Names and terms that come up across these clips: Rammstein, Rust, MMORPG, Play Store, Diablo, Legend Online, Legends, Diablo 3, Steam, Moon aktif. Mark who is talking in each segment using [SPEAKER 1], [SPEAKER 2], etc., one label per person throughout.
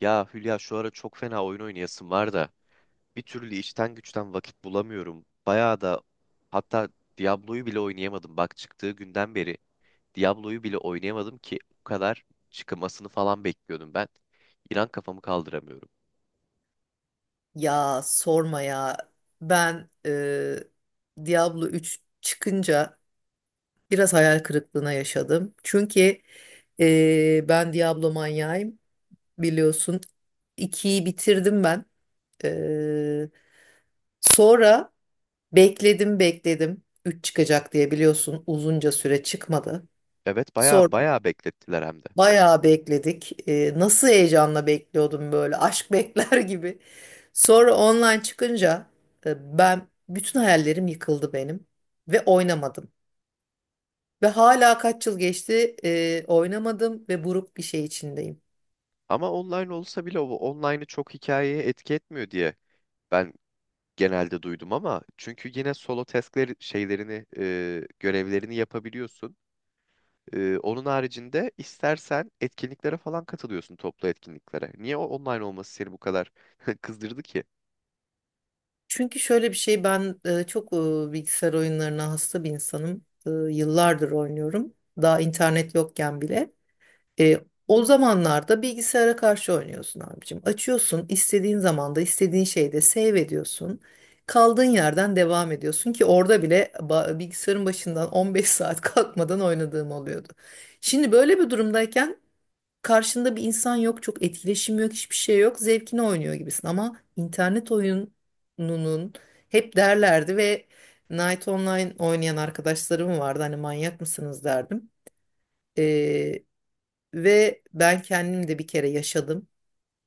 [SPEAKER 1] Ya Hülya, şu ara çok fena oyun oynayasım var da bir türlü işten güçten vakit bulamıyorum. Bayağı da, hatta Diablo'yu bile oynayamadım. Bak, çıktığı günden beri Diablo'yu bile oynayamadım ki o kadar çıkmasını falan bekliyordum ben. İnan kafamı kaldıramıyorum.
[SPEAKER 2] Ya sorma ya. Ben Diablo 3 çıkınca biraz hayal kırıklığına yaşadım. Çünkü ben Diablo manyağıyım, biliyorsun. İkiyi bitirdim ben. E, sonra bekledim bekledim. Üç çıkacak diye, biliyorsun, uzunca süre çıkmadı.
[SPEAKER 1] Evet,
[SPEAKER 2] Sonra
[SPEAKER 1] bayağı bayağı beklettiler hem de.
[SPEAKER 2] bayağı bekledik. Nasıl heyecanla bekliyordum, böyle aşk bekler gibi. Sonra online çıkınca ben bütün hayallerim yıkıldı benim ve oynamadım. Ve hala kaç yıl geçti, oynamadım ve buruk bir şey içindeyim.
[SPEAKER 1] Ama online olsa bile o online'ı çok hikayeye etki etmiyor diye ben genelde duydum, ama çünkü yine solo task'leri şeylerini görevlerini yapabiliyorsun. Onun haricinde istersen etkinliklere falan katılıyorsun, toplu etkinliklere. Niye o online olması seni bu kadar kızdırdı ki?
[SPEAKER 2] Çünkü şöyle bir şey, ben çok bilgisayar oyunlarına hasta bir insanım. Yıllardır oynuyorum. Daha internet yokken bile. E, O zamanlarda bilgisayara karşı oynuyorsun abicim. Açıyorsun, istediğin zamanda, istediğin şeyde save ediyorsun. Kaldığın yerden devam ediyorsun ki orada bile bilgisayarın başından 15 saat kalkmadan oynadığım oluyordu. Şimdi böyle bir durumdayken karşında bir insan yok, çok etkileşim yok, hiçbir şey yok. Zevkini oynuyor gibisin ama internet oyununun hep derlerdi. Ve Night Online oynayan arkadaşlarım vardı. Hani manyak mısınız derdim. Ve ben kendim de bir kere yaşadım.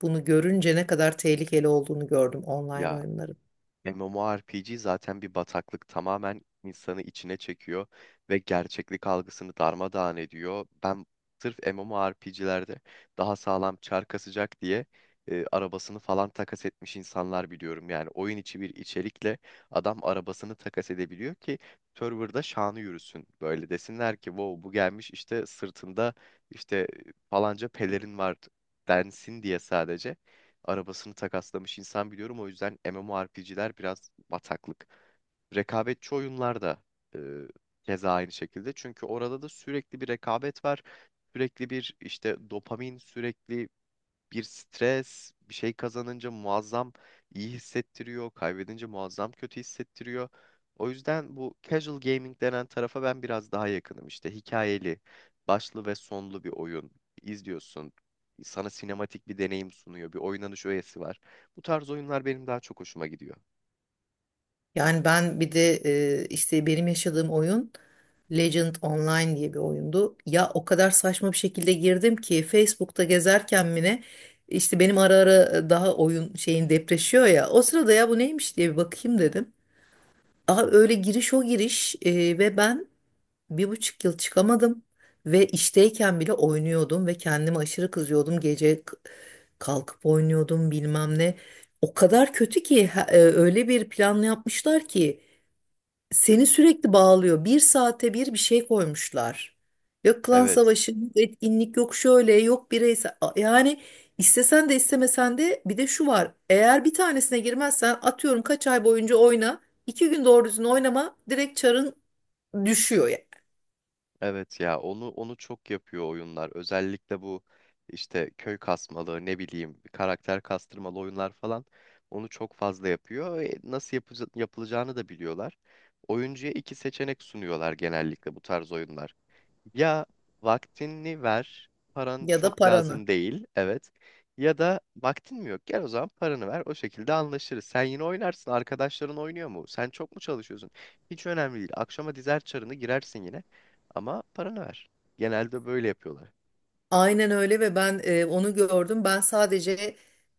[SPEAKER 2] Bunu görünce ne kadar tehlikeli olduğunu gördüm online
[SPEAKER 1] Ya,
[SPEAKER 2] oyunların.
[SPEAKER 1] MMORPG zaten bir bataklık, tamamen insanı içine çekiyor ve gerçeklik algısını darmadağın ediyor. Ben sırf MMORPG'lerde daha sağlam çar kasacak diye arabasını falan takas etmiş insanlar biliyorum. Yani oyun içi bir içerikle adam arabasını takas edebiliyor ki serverda şanı yürüsün. Böyle desinler ki wow, bu gelmiş işte sırtında işte falanca pelerin var densin diye sadece arabasını takaslamış insan biliyorum. O yüzden MMORPG'ler biraz bataklık. Rekabetçi oyunlar da e, keza aynı şekilde. Çünkü orada da sürekli bir rekabet var. Sürekli bir işte dopamin, sürekli bir stres, bir şey kazanınca muazzam iyi hissettiriyor, kaybedince muazzam kötü hissettiriyor. O yüzden bu casual gaming denen tarafa ben biraz daha yakınım. İşte hikayeli, başlı ve sonlu bir oyun izliyorsun. Sana sinematik bir deneyim sunuyor, bir oynanış öğesi var. Bu tarz oyunlar benim daha çok hoşuma gidiyor.
[SPEAKER 2] Yani ben bir de, işte, benim yaşadığım oyun Legend Online diye bir oyundu. Ya o kadar saçma bir şekilde girdim ki Facebook'ta gezerken mi ne, işte benim ara ara daha oyun şeyin depreşiyor ya. O sırada, ya bu neymiş diye bir bakayım dedim. Aa, öyle giriş o giriş, ve ben 1,5 yıl çıkamadım ve işteyken bile oynuyordum ve kendime aşırı kızıyordum. Gece kalkıp oynuyordum bilmem ne. O kadar kötü ki, öyle bir plan yapmışlar ki seni sürekli bağlıyor. Bir saate bir şey koymuşlar. Yok klan
[SPEAKER 1] Evet.
[SPEAKER 2] savaşı, yok etkinlik, yok şöyle, yok bireysel. Yani istesen de istemesen de bir de şu var. Eğer bir tanesine girmezsen, atıyorum, kaç ay boyunca oyna. İki gün doğru düzgün oynama, direkt çarın düşüyor.
[SPEAKER 1] Evet ya, onu çok yapıyor oyunlar. Özellikle bu işte köy kasmalı, ne bileyim karakter kastırmalı oyunlar falan, onu çok fazla yapıyor. Yapılacağını da biliyorlar. Oyuncuya iki seçenek sunuyorlar genellikle bu tarz oyunlar. Ya vaktini ver, paran
[SPEAKER 2] Ya da
[SPEAKER 1] çok
[SPEAKER 2] paranı.
[SPEAKER 1] lazım değil, evet. Ya da vaktin mi yok? Gel o zaman paranı ver, o şekilde anlaşırız. Sen yine oynarsın, arkadaşların oynuyor mu? Sen çok mu çalışıyorsun? Hiç önemli değil. Akşama dizer çarını girersin yine. Ama paranı ver. Genelde böyle yapıyorlar.
[SPEAKER 2] Aynen öyle. Ve ben onu gördüm. Ben sadece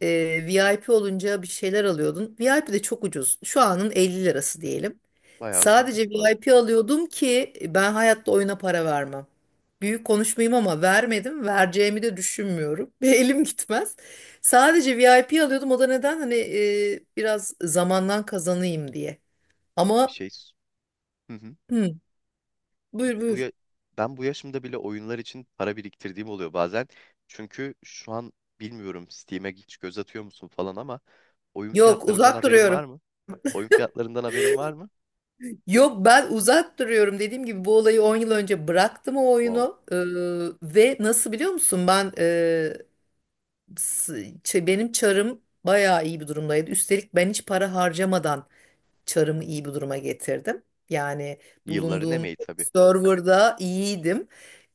[SPEAKER 2] VIP olunca bir şeyler alıyordum. VIP de çok ucuz. Şu anın 50 lirası diyelim.
[SPEAKER 1] Bayağı
[SPEAKER 2] Sadece
[SPEAKER 1] ucuzmuş bu arada.
[SPEAKER 2] VIP alıyordum ki ben hayatta oyuna para vermem. Büyük konuşmayayım ama vermedim. Vereceğimi de düşünmüyorum. Ve elim gitmez. Sadece VIP alıyordum. O da neden? Hani biraz zamandan kazanayım diye.
[SPEAKER 1] Bir
[SPEAKER 2] Ama.
[SPEAKER 1] şey. s- Hı hı.
[SPEAKER 2] Hı, buyur
[SPEAKER 1] Bu
[SPEAKER 2] buyur.
[SPEAKER 1] ya... Ben bu yaşımda bile oyunlar için para biriktirdiğim oluyor bazen. Çünkü şu an bilmiyorum Steam'e hiç göz atıyor musun falan, ama oyun
[SPEAKER 2] Yok,
[SPEAKER 1] fiyatlarından
[SPEAKER 2] uzak
[SPEAKER 1] haberin var
[SPEAKER 2] duruyorum.
[SPEAKER 1] mı? Oyun fiyatlarından haberin var mı?
[SPEAKER 2] Yok, ben uzak duruyorum dediğim gibi, bu olayı 10 yıl önce bıraktım o
[SPEAKER 1] Wow.
[SPEAKER 2] oyunu. Ve nasıl biliyor musun, ben s- benim çarım bayağı iyi bir durumdaydı, üstelik ben hiç para harcamadan çarımı iyi bir duruma getirdim yani.
[SPEAKER 1] Yılların
[SPEAKER 2] Bulunduğum
[SPEAKER 1] emeği tabii.
[SPEAKER 2] serverda iyiydim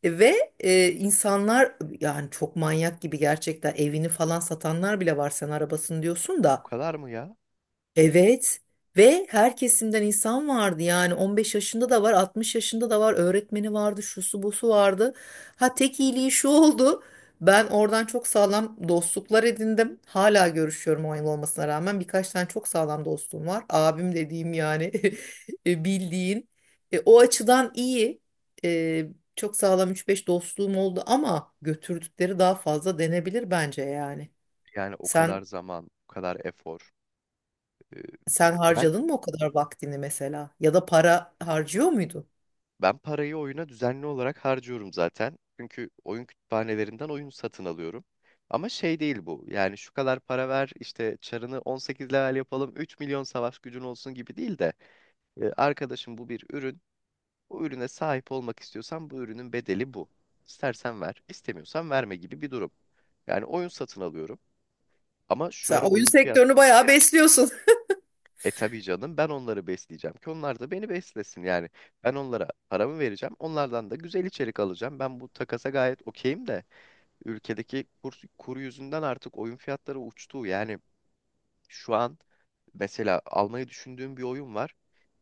[SPEAKER 2] ve insanlar yani çok manyak gibi, gerçekten evini falan satanlar bile var, sen arabasını diyorsun
[SPEAKER 1] O
[SPEAKER 2] da.
[SPEAKER 1] kadar mı ya?
[SPEAKER 2] Evet. Ve her kesimden insan vardı yani, 15 yaşında da var, 60 yaşında da var, öğretmeni vardı, şusu busu vardı. Ha, tek iyiliği şu oldu, ben oradan çok sağlam dostluklar edindim, hala görüşüyorum 10 yıl olmasına rağmen. Birkaç tane çok sağlam dostum var, abim dediğim yani. Bildiğin, o açıdan iyi. E, Çok sağlam üç beş dostluğum oldu ama götürdükleri daha fazla denebilir bence yani.
[SPEAKER 1] Yani o kadar
[SPEAKER 2] Sen.
[SPEAKER 1] zaman, o kadar efor. Ee,
[SPEAKER 2] Sen
[SPEAKER 1] ben
[SPEAKER 2] harcadın mı o kadar vaktini mesela? Ya da para harcıyor muydun?
[SPEAKER 1] ben parayı oyuna düzenli olarak harcıyorum zaten. Çünkü oyun kütüphanelerinden oyun satın alıyorum. Ama şey değil bu. Yani şu kadar para ver, işte çarını 18 level yapalım, 3 milyon savaş gücün olsun gibi değil de arkadaşım, bu bir ürün. Bu ürüne sahip olmak istiyorsan bu ürünün bedeli bu. İstersen ver, istemiyorsan verme gibi bir durum. Yani oyun satın alıyorum. Ama şu
[SPEAKER 2] Sen
[SPEAKER 1] ara
[SPEAKER 2] oyun
[SPEAKER 1] oyun fiyat.
[SPEAKER 2] sektörünü bayağı besliyorsun.
[SPEAKER 1] E tabii canım, ben onları besleyeceğim ki onlar da beni beslesin. Yani ben onlara paramı vereceğim. Onlardan da güzel içerik alacağım. Ben bu takasa gayet okeyim de ülkedeki kur, kuru yüzünden artık oyun fiyatları uçtu. Yani şu an mesela almayı düşündüğüm bir oyun var.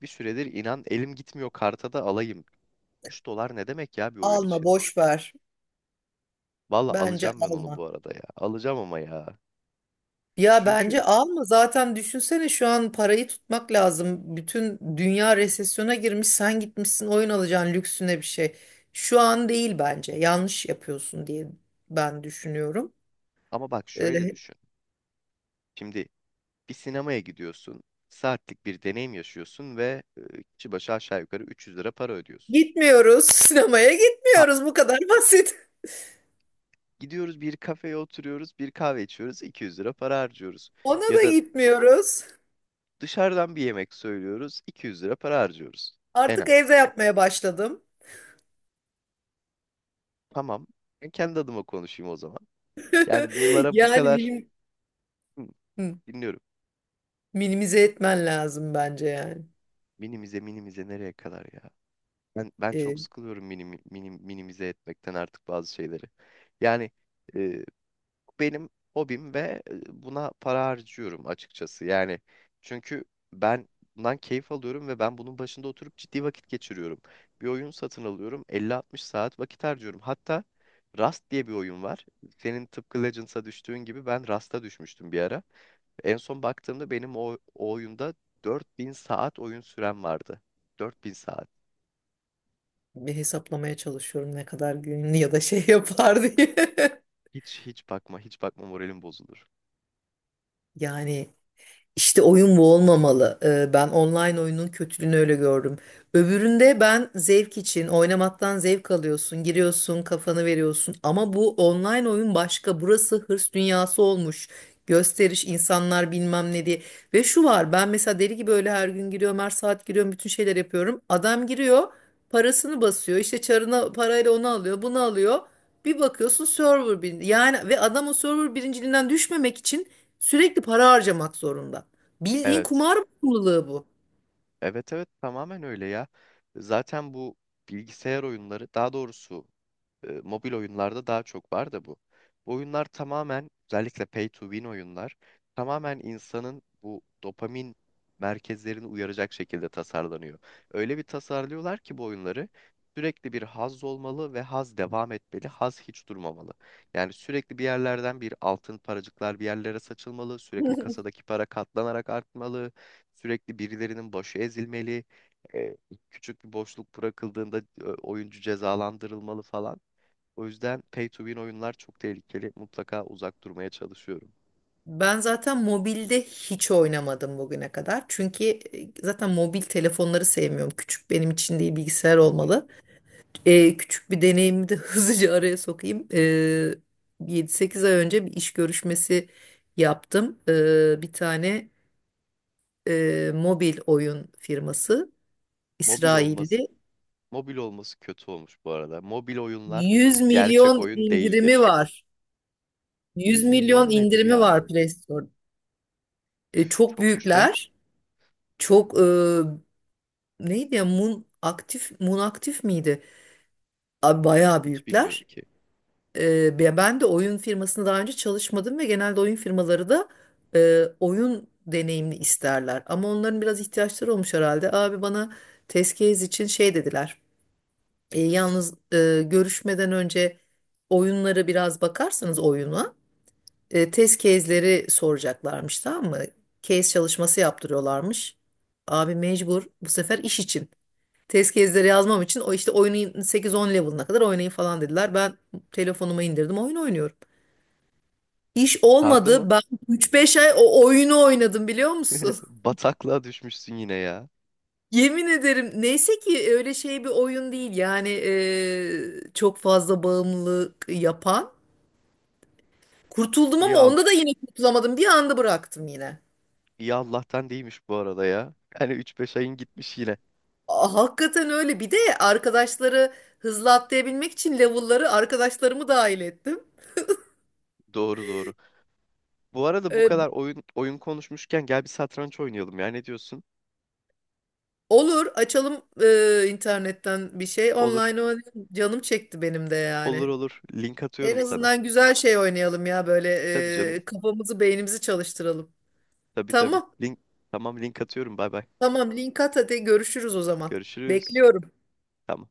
[SPEAKER 1] Bir süredir inan elim gitmiyor karta da alayım. 3 dolar ne demek ya bir oyun
[SPEAKER 2] Alma,
[SPEAKER 1] için?
[SPEAKER 2] boş ver.
[SPEAKER 1] Valla
[SPEAKER 2] Bence
[SPEAKER 1] alacağım ben onu bu
[SPEAKER 2] alma.
[SPEAKER 1] arada ya. Alacağım ama ya.
[SPEAKER 2] Ya
[SPEAKER 1] Çünkü
[SPEAKER 2] bence alma. Zaten düşünsene, şu an parayı tutmak lazım. Bütün dünya resesyona girmiş. Sen gitmişsin, oyun alacaksın lüksüne bir şey. Şu an değil bence. Yanlış yapıyorsun diye ben düşünüyorum.
[SPEAKER 1] ama bak şöyle
[SPEAKER 2] Ee,
[SPEAKER 1] düşün. Şimdi bir sinemaya gidiyorsun. Saatlik bir deneyim yaşıyorsun ve kişi başı aşağı yukarı 300 lira para ödüyorsun.
[SPEAKER 2] Gitmiyoruz. Sinemaya
[SPEAKER 1] Ha,
[SPEAKER 2] gitmiyoruz. Bu kadar basit.
[SPEAKER 1] gidiyoruz bir kafeye oturuyoruz, bir kahve içiyoruz, 200 lira para harcıyoruz.
[SPEAKER 2] Ona
[SPEAKER 1] Ya
[SPEAKER 2] da
[SPEAKER 1] da
[SPEAKER 2] gitmiyoruz.
[SPEAKER 1] dışarıdan bir yemek söylüyoruz, 200 lira para harcıyoruz. En
[SPEAKER 2] Artık
[SPEAKER 1] az.
[SPEAKER 2] evde yapmaya başladım.
[SPEAKER 1] Tamam. Ben kendi adıma konuşayım o zaman. Yani bunlara bu
[SPEAKER 2] Yani
[SPEAKER 1] kadar, Hı,
[SPEAKER 2] hı,
[SPEAKER 1] dinliyorum.
[SPEAKER 2] minimize etmen lazım bence yani.
[SPEAKER 1] Minimize, minimize nereye kadar ya? Ben çok
[SPEAKER 2] Ee,
[SPEAKER 1] sıkılıyorum minimize etmekten artık bazı şeyleri. Yani benim hobim ve buna para harcıyorum açıkçası. Yani çünkü ben bundan keyif alıyorum ve ben bunun başında oturup ciddi vakit geçiriyorum. Bir oyun satın alıyorum, elli altmış saat vakit harcıyorum. Hatta Rust diye bir oyun var. Senin tıpkı Legends'a düştüğün gibi ben Rust'a düşmüştüm bir ara. En son baktığımda benim o oyunda 4000 saat oyun sürem vardı. 4000 saat.
[SPEAKER 2] Bir hesaplamaya çalışıyorum ne kadar günlü ya da şey yapar diye.
[SPEAKER 1] Hiç bakma, hiç bakma, moralim bozulur.
[SPEAKER 2] Yani İşte oyun bu olmamalı. Ben online oyunun kötülüğünü öyle gördüm. Öbüründe ben zevk için oynamaktan zevk alıyorsun, giriyorsun, kafanı veriyorsun. Ama bu online oyun başka. Burası hırs dünyası olmuş. Gösteriş, insanlar bilmem ne diye. Ve şu var, ben mesela deli gibi öyle her gün giriyorum, her saat giriyorum, bütün şeyler yapıyorum. Adam giriyor, parasını basıyor, işte çarına parayla onu alıyor, bunu alıyor. Bir bakıyorsun server bir yani. Ve adam o server birinciliğinden düşmemek için sürekli para harcamak zorunda. Bildiğin
[SPEAKER 1] Evet.
[SPEAKER 2] kumar bağımlılığı bu.
[SPEAKER 1] Evet evet, tamamen öyle ya. Zaten bu bilgisayar oyunları, daha doğrusu mobil oyunlarda daha çok var da bu. Bu oyunlar tamamen, özellikle pay to win oyunlar, tamamen insanın bu dopamin merkezlerini uyaracak şekilde tasarlanıyor. Öyle bir tasarlıyorlar ki bu oyunları, sürekli bir haz olmalı ve haz devam etmeli, haz hiç durmamalı. Yani sürekli bir yerlerden bir altın paracıklar bir yerlere saçılmalı, sürekli kasadaki para katlanarak artmalı, sürekli birilerinin başı ezilmeli, e, küçük bir boşluk bırakıldığında oyuncu cezalandırılmalı falan. O yüzden pay to win oyunlar çok tehlikeli. Mutlaka uzak durmaya çalışıyorum.
[SPEAKER 2] Ben zaten mobilde hiç oynamadım bugüne kadar. Çünkü zaten mobil telefonları sevmiyorum. Küçük, benim için değil, bilgisayar
[SPEAKER 1] Hı hı.
[SPEAKER 2] olmalı. Küçük bir deneyimi de hızlıca araya sokayım. 7-8 ay önce bir iş görüşmesi yaptım. Bir tane mobil oyun firması
[SPEAKER 1] Mobil olması
[SPEAKER 2] İsrail'de.
[SPEAKER 1] mobil olması kötü olmuş bu arada. Mobil oyunlar
[SPEAKER 2] 100
[SPEAKER 1] gerçek
[SPEAKER 2] milyon
[SPEAKER 1] oyun
[SPEAKER 2] indirimi
[SPEAKER 1] değildir.
[SPEAKER 2] var. 100
[SPEAKER 1] 100
[SPEAKER 2] milyon
[SPEAKER 1] milyon nedir
[SPEAKER 2] indirimi
[SPEAKER 1] ya?
[SPEAKER 2] var Play Store. Çok
[SPEAKER 1] Çokmuş be.
[SPEAKER 2] büyükler. Çok, neydi ya, Moon aktif, Moon aktif miydi? Abi bayağı
[SPEAKER 1] Hiç bilmiyorum
[SPEAKER 2] büyükler.
[SPEAKER 1] ki.
[SPEAKER 2] Ben de oyun firmasında daha önce çalışmadım ve genelde oyun firmaları da oyun deneyimli isterler. Ama onların biraz ihtiyaçları olmuş herhalde. Abi bana test case için şey dediler. Yalnız görüşmeden önce oyunları biraz bakarsanız, oyuna test case'leri soracaklarmış, tamam mı? Case çalışması yaptırıyorlarmış. Abi mecbur bu sefer iş için. Test gezleri yazmam için o işte oyunun 8-10 level'ına kadar oynayın falan dediler. Ben telefonuma indirdim, oyun oynuyorum. İş
[SPEAKER 1] Sardı mı?
[SPEAKER 2] olmadı. Ben 3-5 ay o oyunu oynadım, biliyor musun?
[SPEAKER 1] Bataklığa düşmüşsün yine ya.
[SPEAKER 2] Yemin ederim, neyse ki öyle şey bir oyun değil yani, çok fazla bağımlılık yapan. Kurtuldum
[SPEAKER 1] İyi
[SPEAKER 2] ama
[SPEAKER 1] al
[SPEAKER 2] onda da yine kurtulamadım, bir anda bıraktım yine.
[SPEAKER 1] iyi Allah'tan değilmiş bu arada ya. Yani 3-5 ayın gitmiş yine.
[SPEAKER 2] Aa, hakikaten öyle. Bir de arkadaşları hızlı atlayabilmek için level'ları, arkadaşlarımı dahil ettim.
[SPEAKER 1] Doğru doğru. Bu arada bu kadar oyun konuşmuşken gel bir satranç oynayalım ya. Ne diyorsun?
[SPEAKER 2] Olur, açalım internetten bir şey. Online
[SPEAKER 1] Olur.
[SPEAKER 2] oynayalım. Canım çekti benim de
[SPEAKER 1] Olur
[SPEAKER 2] yani.
[SPEAKER 1] olur. Link
[SPEAKER 2] En
[SPEAKER 1] atıyorum sana.
[SPEAKER 2] azından güzel şey oynayalım ya, böyle
[SPEAKER 1] Tabii canım.
[SPEAKER 2] kafamızı beynimizi çalıştıralım.
[SPEAKER 1] Tabii tabii.
[SPEAKER 2] Tamam.
[SPEAKER 1] Tamam, link atıyorum. Bay bay.
[SPEAKER 2] Tamam, link at, hadi görüşürüz o zaman.
[SPEAKER 1] Görüşürüz.
[SPEAKER 2] Bekliyorum.
[SPEAKER 1] Tamam.